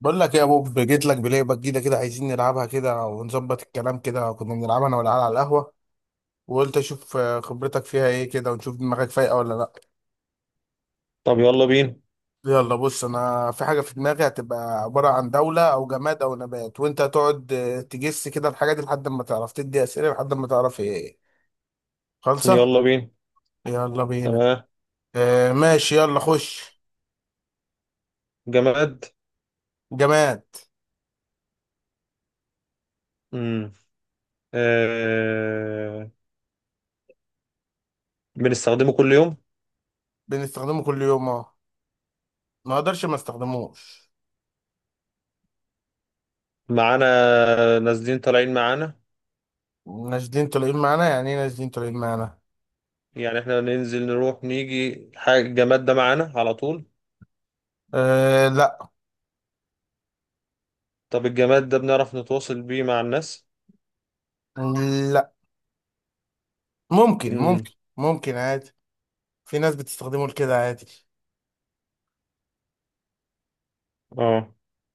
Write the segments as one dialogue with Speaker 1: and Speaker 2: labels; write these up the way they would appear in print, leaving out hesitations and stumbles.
Speaker 1: بقول لك يا بوب، جيت لك بلعبه جديده كده، عايزين نلعبها كده ونظبط الكلام كده. كنا بنلعبها انا والعيال على القهوه، وقلت اشوف خبرتك فيها ايه كده، ونشوف دماغك فايقه ولا لا.
Speaker 2: طب يلا بينا.
Speaker 1: يلا بص، انا في حاجه في دماغي هتبقى عباره عن دوله او جماد او نبات، وانت هتقعد تجس كده الحاجه دي لحد ما تعرف، تدي اسئله لحد ما تعرف هي ايه خالصه.
Speaker 2: يلا بينا.
Speaker 1: يلا بينا.
Speaker 2: تمام.
Speaker 1: ماشي، يلا خش.
Speaker 2: جماد.
Speaker 1: جماد.
Speaker 2: امم آه... بنستخدمه كل يوم
Speaker 1: بنستخدمه كل يوم، اه. ما اقدرش ما استخدموش.
Speaker 2: معانا. نازلين طالعين معانا،
Speaker 1: نازلين طالعين معانا، يعني ايه نازلين طالعين معانا؟
Speaker 2: يعني احنا ننزل نروح نيجي حاجة الجماد ده معانا على طول.
Speaker 1: أه لا.
Speaker 2: طب الجماد ده بنعرف نتواصل بيه مع الناس؟
Speaker 1: لا. ممكن
Speaker 2: امم.
Speaker 1: ممكن. ممكن عادي. في ناس بتستخدمه لكده عادي.
Speaker 2: اه.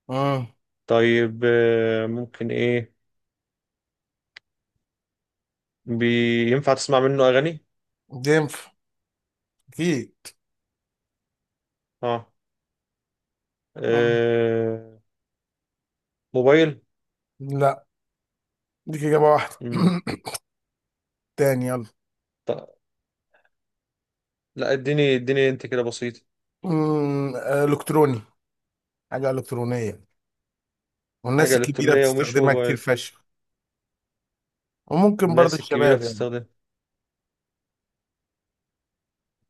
Speaker 1: امم
Speaker 2: طيب ممكن ايه. بي... ينفع تسمع منه اغاني؟
Speaker 1: ينفع. اكيد.
Speaker 2: اه,
Speaker 1: مم.
Speaker 2: آه... موبايل.
Speaker 1: لا، دي اجابه واحده.
Speaker 2: امم.
Speaker 1: تاني يلا.
Speaker 2: ط... لا اديني اديني انت كده بسيط.
Speaker 1: الكتروني. حاجه الكترونيه، والناس
Speaker 2: حاجة
Speaker 1: الكبيره
Speaker 2: إلكترونية ومش
Speaker 1: بتستخدمها كتير
Speaker 2: موبايل.
Speaker 1: فشخ، وممكن برضه
Speaker 2: الناس الكبيرة
Speaker 1: الشباب يعني.
Speaker 2: تستخدم.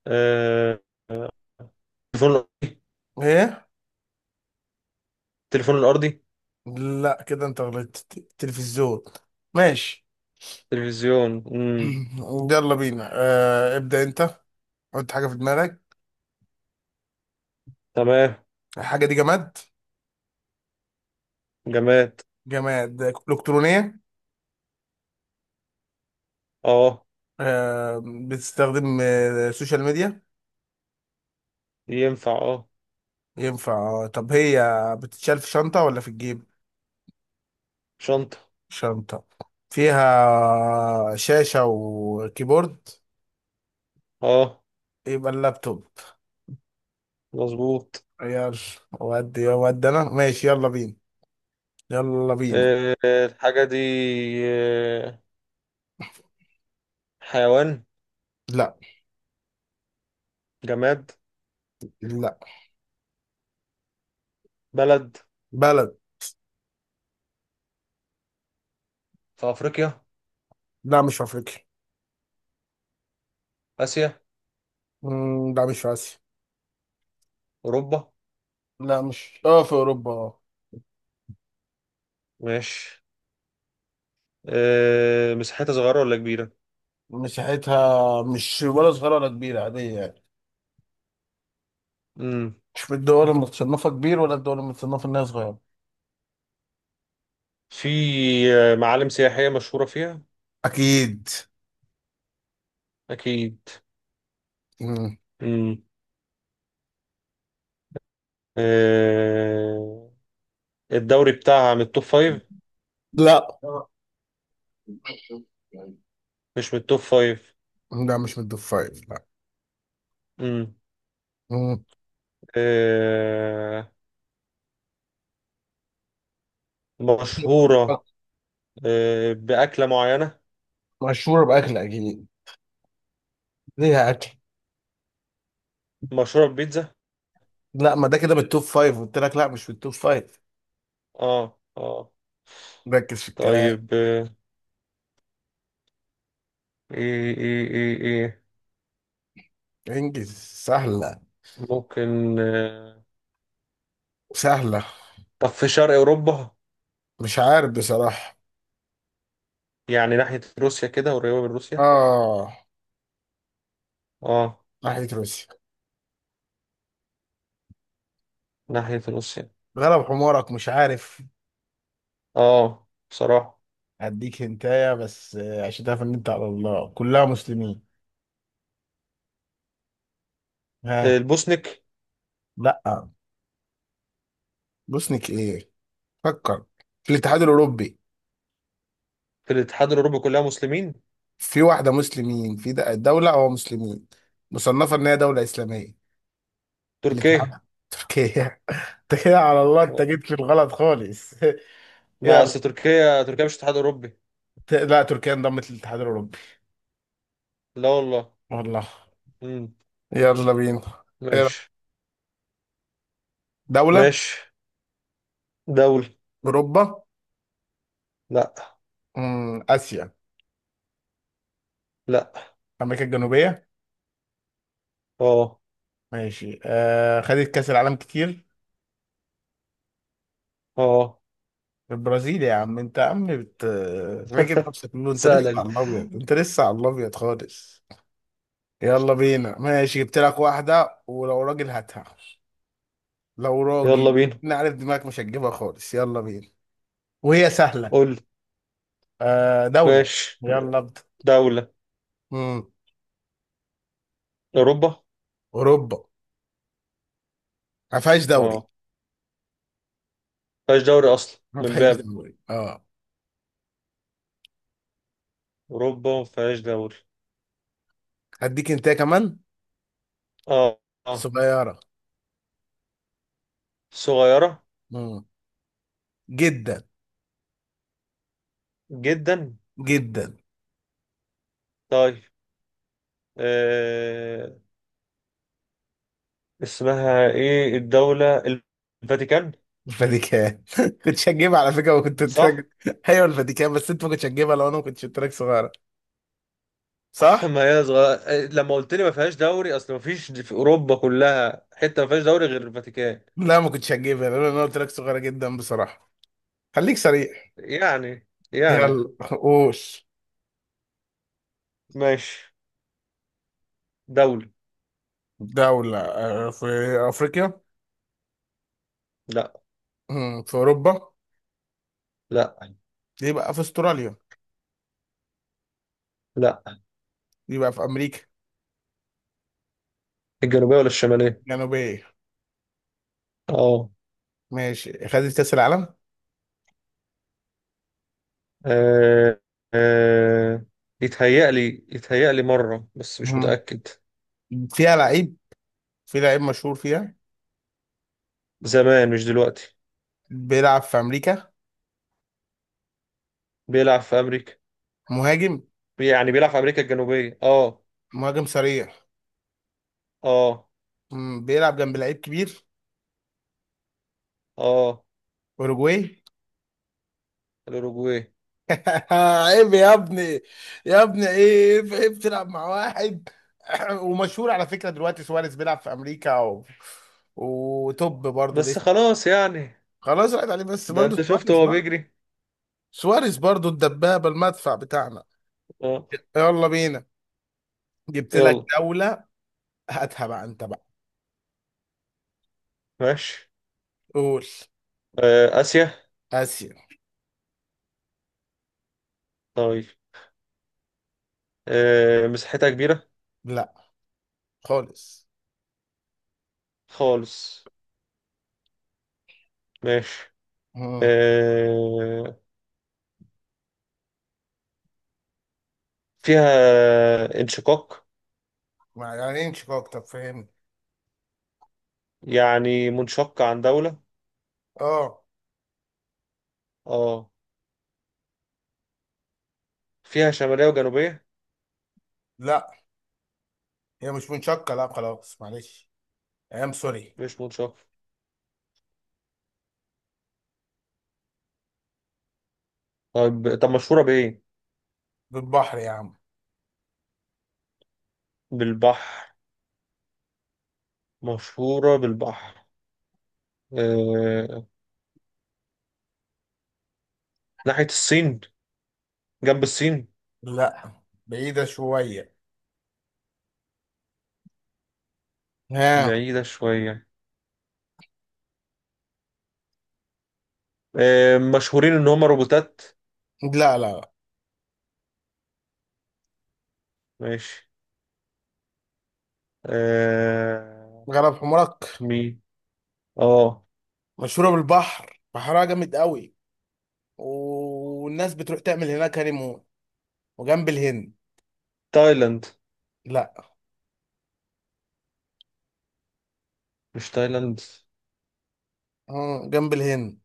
Speaker 2: آه، آه، تليفون الأرضي.
Speaker 1: ايه؟
Speaker 2: تليفون الأرضي.
Speaker 1: لا، كده انت غلطت. تلفزيون. ماشي.
Speaker 2: تلفزيون. مم.
Speaker 1: يلا بينا. ابدأ انت، حط حاجه في دماغك.
Speaker 2: تمام.
Speaker 1: الحاجه دي جماد.
Speaker 2: جماد.
Speaker 1: جماد الكترونيه.
Speaker 2: اه.
Speaker 1: آه، بتستخدم سوشيال ميديا؟
Speaker 2: ينفع اه.
Speaker 1: ينفع. طب هي بتتشال في شنطة ولا في الجيب؟
Speaker 2: شنطة.
Speaker 1: شنطة. فيها شاشة وكيبورد؟
Speaker 2: اه.
Speaker 1: يبقى اللابتوب.
Speaker 2: مظبوط.
Speaker 1: يلا. ودي يا ودي انا ماشي. يلا بينا. يلا بينا.
Speaker 2: آه، الحاجة دي آه، حيوان.
Speaker 1: لا.
Speaker 2: جماد.
Speaker 1: لا.
Speaker 2: بلد.
Speaker 1: بلد.
Speaker 2: في أفريقيا؟
Speaker 1: لا، مش في افريقيا.
Speaker 2: آسيا؟
Speaker 1: مم، لا، مش في اسيا.
Speaker 2: أوروبا؟
Speaker 1: لا، مش في اوروبا، اه.
Speaker 2: ماشي. مساحتها صغيرة ولا كبيرة؟
Speaker 1: مساحتها مش ولا صغيرة ولا كبيرة، عادية يعني.
Speaker 2: مم.
Speaker 1: مش من الدول المتصنفة كبير ولا الدول المتصنفة انها صغيرة.
Speaker 2: في معالم سياحية مشهورة فيها؟
Speaker 1: أكيد.
Speaker 2: أكيد.
Speaker 1: مم.
Speaker 2: مم. آه، الدوري بتاعها من التوب فايف؟
Speaker 1: لا.
Speaker 2: مش من التوب فايف.
Speaker 1: لا، مش من التوب فايف، لا.
Speaker 2: امم.
Speaker 1: مم.
Speaker 2: آه. مشهورة آه بأكلة معينة؟
Speaker 1: مشهورة بأكل أكيد. ليها أكل.
Speaker 2: مشهورة ببيتزا.
Speaker 1: لا، ما ده كده من التوب فايف، قلت لك لا، مش في التوب فايف.
Speaker 2: اه اه.
Speaker 1: ركز في الكلام.
Speaker 2: طيب ايه ايه ايه ايه.
Speaker 1: انجز. سهلة.
Speaker 2: ممكن
Speaker 1: سهلة.
Speaker 2: طب في شرق أوروبا؟
Speaker 1: مش عارف بصراحة.
Speaker 2: يعني ناحية روسيا كده قريبة من روسيا؟
Speaker 1: آه.
Speaker 2: اه.
Speaker 1: ناحية روسيا.
Speaker 2: ناحية روسيا.
Speaker 1: غلب حمارك، مش عارف.
Speaker 2: اه بصراحة.
Speaker 1: هديك هنتايا بس عشان تعرف إن أنت على الله كلها مسلمين. ها.
Speaker 2: البوسنك؟
Speaker 1: لا. بوسنيك إيه؟ فكر. في الاتحاد الأوروبي.
Speaker 2: في الاتحاد الأوروبي كلها مسلمين؟
Speaker 1: في واحدة مسلمين، في دولة هو مسلمين. مصنفة إن هي دولة إسلامية. في
Speaker 2: تركيا.
Speaker 1: الاتحاد. تركيا. انت كده على الله، انت
Speaker 2: آه،
Speaker 1: جيت في الغلط خالص.
Speaker 2: ما
Speaker 1: يلا.
Speaker 2: أصل تركيا مش اتحاد أوروبي.
Speaker 1: لا، تركيا انضمت للاتحاد الأوروبي.
Speaker 2: لا والله.
Speaker 1: والله.
Speaker 2: مم.
Speaker 1: يلا بينا. إيه رأيك؟
Speaker 2: ماشي.
Speaker 1: دولة.
Speaker 2: ماشي. دولة.
Speaker 1: أوروبا.
Speaker 2: لا.
Speaker 1: آسيا.
Speaker 2: لا.
Speaker 1: أمريكا الجنوبية.
Speaker 2: اه.
Speaker 1: ماشي، خدت كأس العالم كتير.
Speaker 2: اه.
Speaker 1: البرازيل يا عم. انت يا عم بت راجل، نفسك كله انت لسه
Speaker 2: سهلة دي.
Speaker 1: على الابيض، انت لسه على الابيض خالص. يلا بينا. ماشي، جبت لك واحدة، ولو راجل هاتها. لو
Speaker 2: يلا
Speaker 1: راجل.
Speaker 2: بينا.
Speaker 1: انا عارف دماغك مش هتجيبها خالص. يلا بينا. وهي سهلة.
Speaker 2: قول لي.
Speaker 1: آه، دولة.
Speaker 2: ماشي.
Speaker 1: يلا ابدا.
Speaker 2: دولة.
Speaker 1: امم
Speaker 2: أوروبا.
Speaker 1: اوروبا. ما فيهاش دوري.
Speaker 2: اه. مفيهاش دوري أصلا
Speaker 1: ما
Speaker 2: من
Speaker 1: فيهاش
Speaker 2: باب.
Speaker 1: دوري، اه.
Speaker 2: أوروبا مفيهاش دوري.
Speaker 1: هديك انت كمان.
Speaker 2: اه. اه.
Speaker 1: صغيرة.
Speaker 2: صغيرة
Speaker 1: امم جدا.
Speaker 2: جدا.
Speaker 1: جدا.
Speaker 2: طيب آه. اسمها ايه الدولة. الفاتيكان.
Speaker 1: الفاتيكان. كنت هتجيبها على فكرة، وكنت قلت
Speaker 2: صح؟
Speaker 1: لك. ايوه الفاتيكان، بس انت ما كنتش هتجيبها لو انا ما كنتش قلت لك صغيرة. صح؟
Speaker 2: ما هي صغيرة، لما قلت لي ما فيهاش دوري اصل ما فيش في اوروبا كلها حتة ما فيهاش دوري غير الفاتيكان.
Speaker 1: لا، ما كنتش هتجيبها لان انا قلت لك صغيرة جدا بصراحة. خليك سريع.
Speaker 2: يعني
Speaker 1: هي
Speaker 2: يعني.
Speaker 1: الرؤوس.
Speaker 2: ماشي. دولة.
Speaker 1: دولة. في أفريقيا.
Speaker 2: لا.
Speaker 1: في أوروبا.
Speaker 2: لا.
Speaker 1: دي بقى في أستراليا.
Speaker 2: لا.
Speaker 1: دي بقى في أمريكا
Speaker 2: الجنوبية ولا الشمالية؟
Speaker 1: الجنوبية.
Speaker 2: اه.
Speaker 1: ماشي، خدت كأس العالم.
Speaker 2: آه، آه، يتهيألي مرة بس مش
Speaker 1: مم.
Speaker 2: متأكد.
Speaker 1: فيها لعيب. في لعيب مشهور فيها.
Speaker 2: زمان مش دلوقتي.
Speaker 1: بيلعب في أمريكا.
Speaker 2: بيلعب في أمريكا.
Speaker 1: مهاجم.
Speaker 2: يعني بيلعب في أمريكا الجنوبية اه.
Speaker 1: مهاجم سريع.
Speaker 2: اه.
Speaker 1: بيلعب جنب لعيب كبير.
Speaker 2: اه.
Speaker 1: أوروجواي.
Speaker 2: الأوروجواي.
Speaker 1: عيب يا ابني، يا ابني ايه عيب تلعب مع واحد. ومشهور على فكرة دلوقتي، سواريز بيلعب في أمريكا وتوب برضه.
Speaker 2: بس خلاص يعني.
Speaker 1: خلاص راحت عليه، بس
Speaker 2: ده
Speaker 1: برضه
Speaker 2: أنت شفت
Speaker 1: سواريز
Speaker 2: هو
Speaker 1: بقى.
Speaker 2: بيجري.
Speaker 1: سواريز برضه الدبابة، المدفع بتاعنا.
Speaker 2: اه.
Speaker 1: يلا بينا. جبت لك
Speaker 2: يلا.
Speaker 1: دولة. هاتها بقى انت بقى.
Speaker 2: ماشي.
Speaker 1: قول.
Speaker 2: آسيا.
Speaker 1: آسيا.
Speaker 2: طيب مساحتها كبيرة؟
Speaker 1: لا خالص.
Speaker 2: خالص. ماشي.
Speaker 1: مم.
Speaker 2: آه فيها انشقاق؟
Speaker 1: ما يعني انشك اكتر، فاهمني؟
Speaker 2: يعني منشقة عن دولة.
Speaker 1: اه.
Speaker 2: اه. فيها شمالية وجنوبية.
Speaker 1: لا، هي مش منشقة، لا خلاص معلش. ايام سوري.
Speaker 2: مش منشقة. طب طب مشهورة بإيه؟
Speaker 1: بالبحر يا عم.
Speaker 2: بالبحر. مشهورة بالبحر. آه... ناحية الصين. جنب الصين.
Speaker 1: لا. بعيدة شوية. ها.
Speaker 2: بعيدة شوية. مشهورين إن هما روبوتات.
Speaker 1: لا. لا. لا.
Speaker 2: ماشي. آه...
Speaker 1: غرب حمرك.
Speaker 2: مين؟ اه.
Speaker 1: مشهورة بالبحر، بحرها جامد قوي، والناس بتروح تعمل هناك هانيمون. وجنب الهند.
Speaker 2: تايلاند؟
Speaker 1: لا.
Speaker 2: مش تايلاند.
Speaker 1: اه، جنب الهند.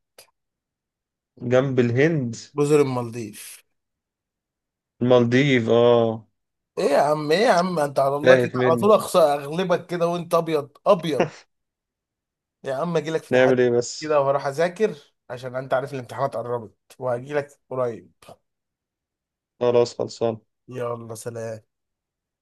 Speaker 2: جنب الهند.
Speaker 1: جزر المالديف.
Speaker 2: المالديف اه.
Speaker 1: ايه يا عم، ايه يا عم، انت على الله كده
Speaker 2: تاهت
Speaker 1: على
Speaker 2: مني.
Speaker 1: طول اغلبك كده، وانت ابيض ابيض. يا عم اجي لك في
Speaker 2: نعمل ايه
Speaker 1: تحدي
Speaker 2: بس.
Speaker 1: كده، وهروح اذاكر، عشان انت عارف الامتحانات قربت، وهجي لك قريب.
Speaker 2: خلاص خلصان.
Speaker 1: يلا سلام.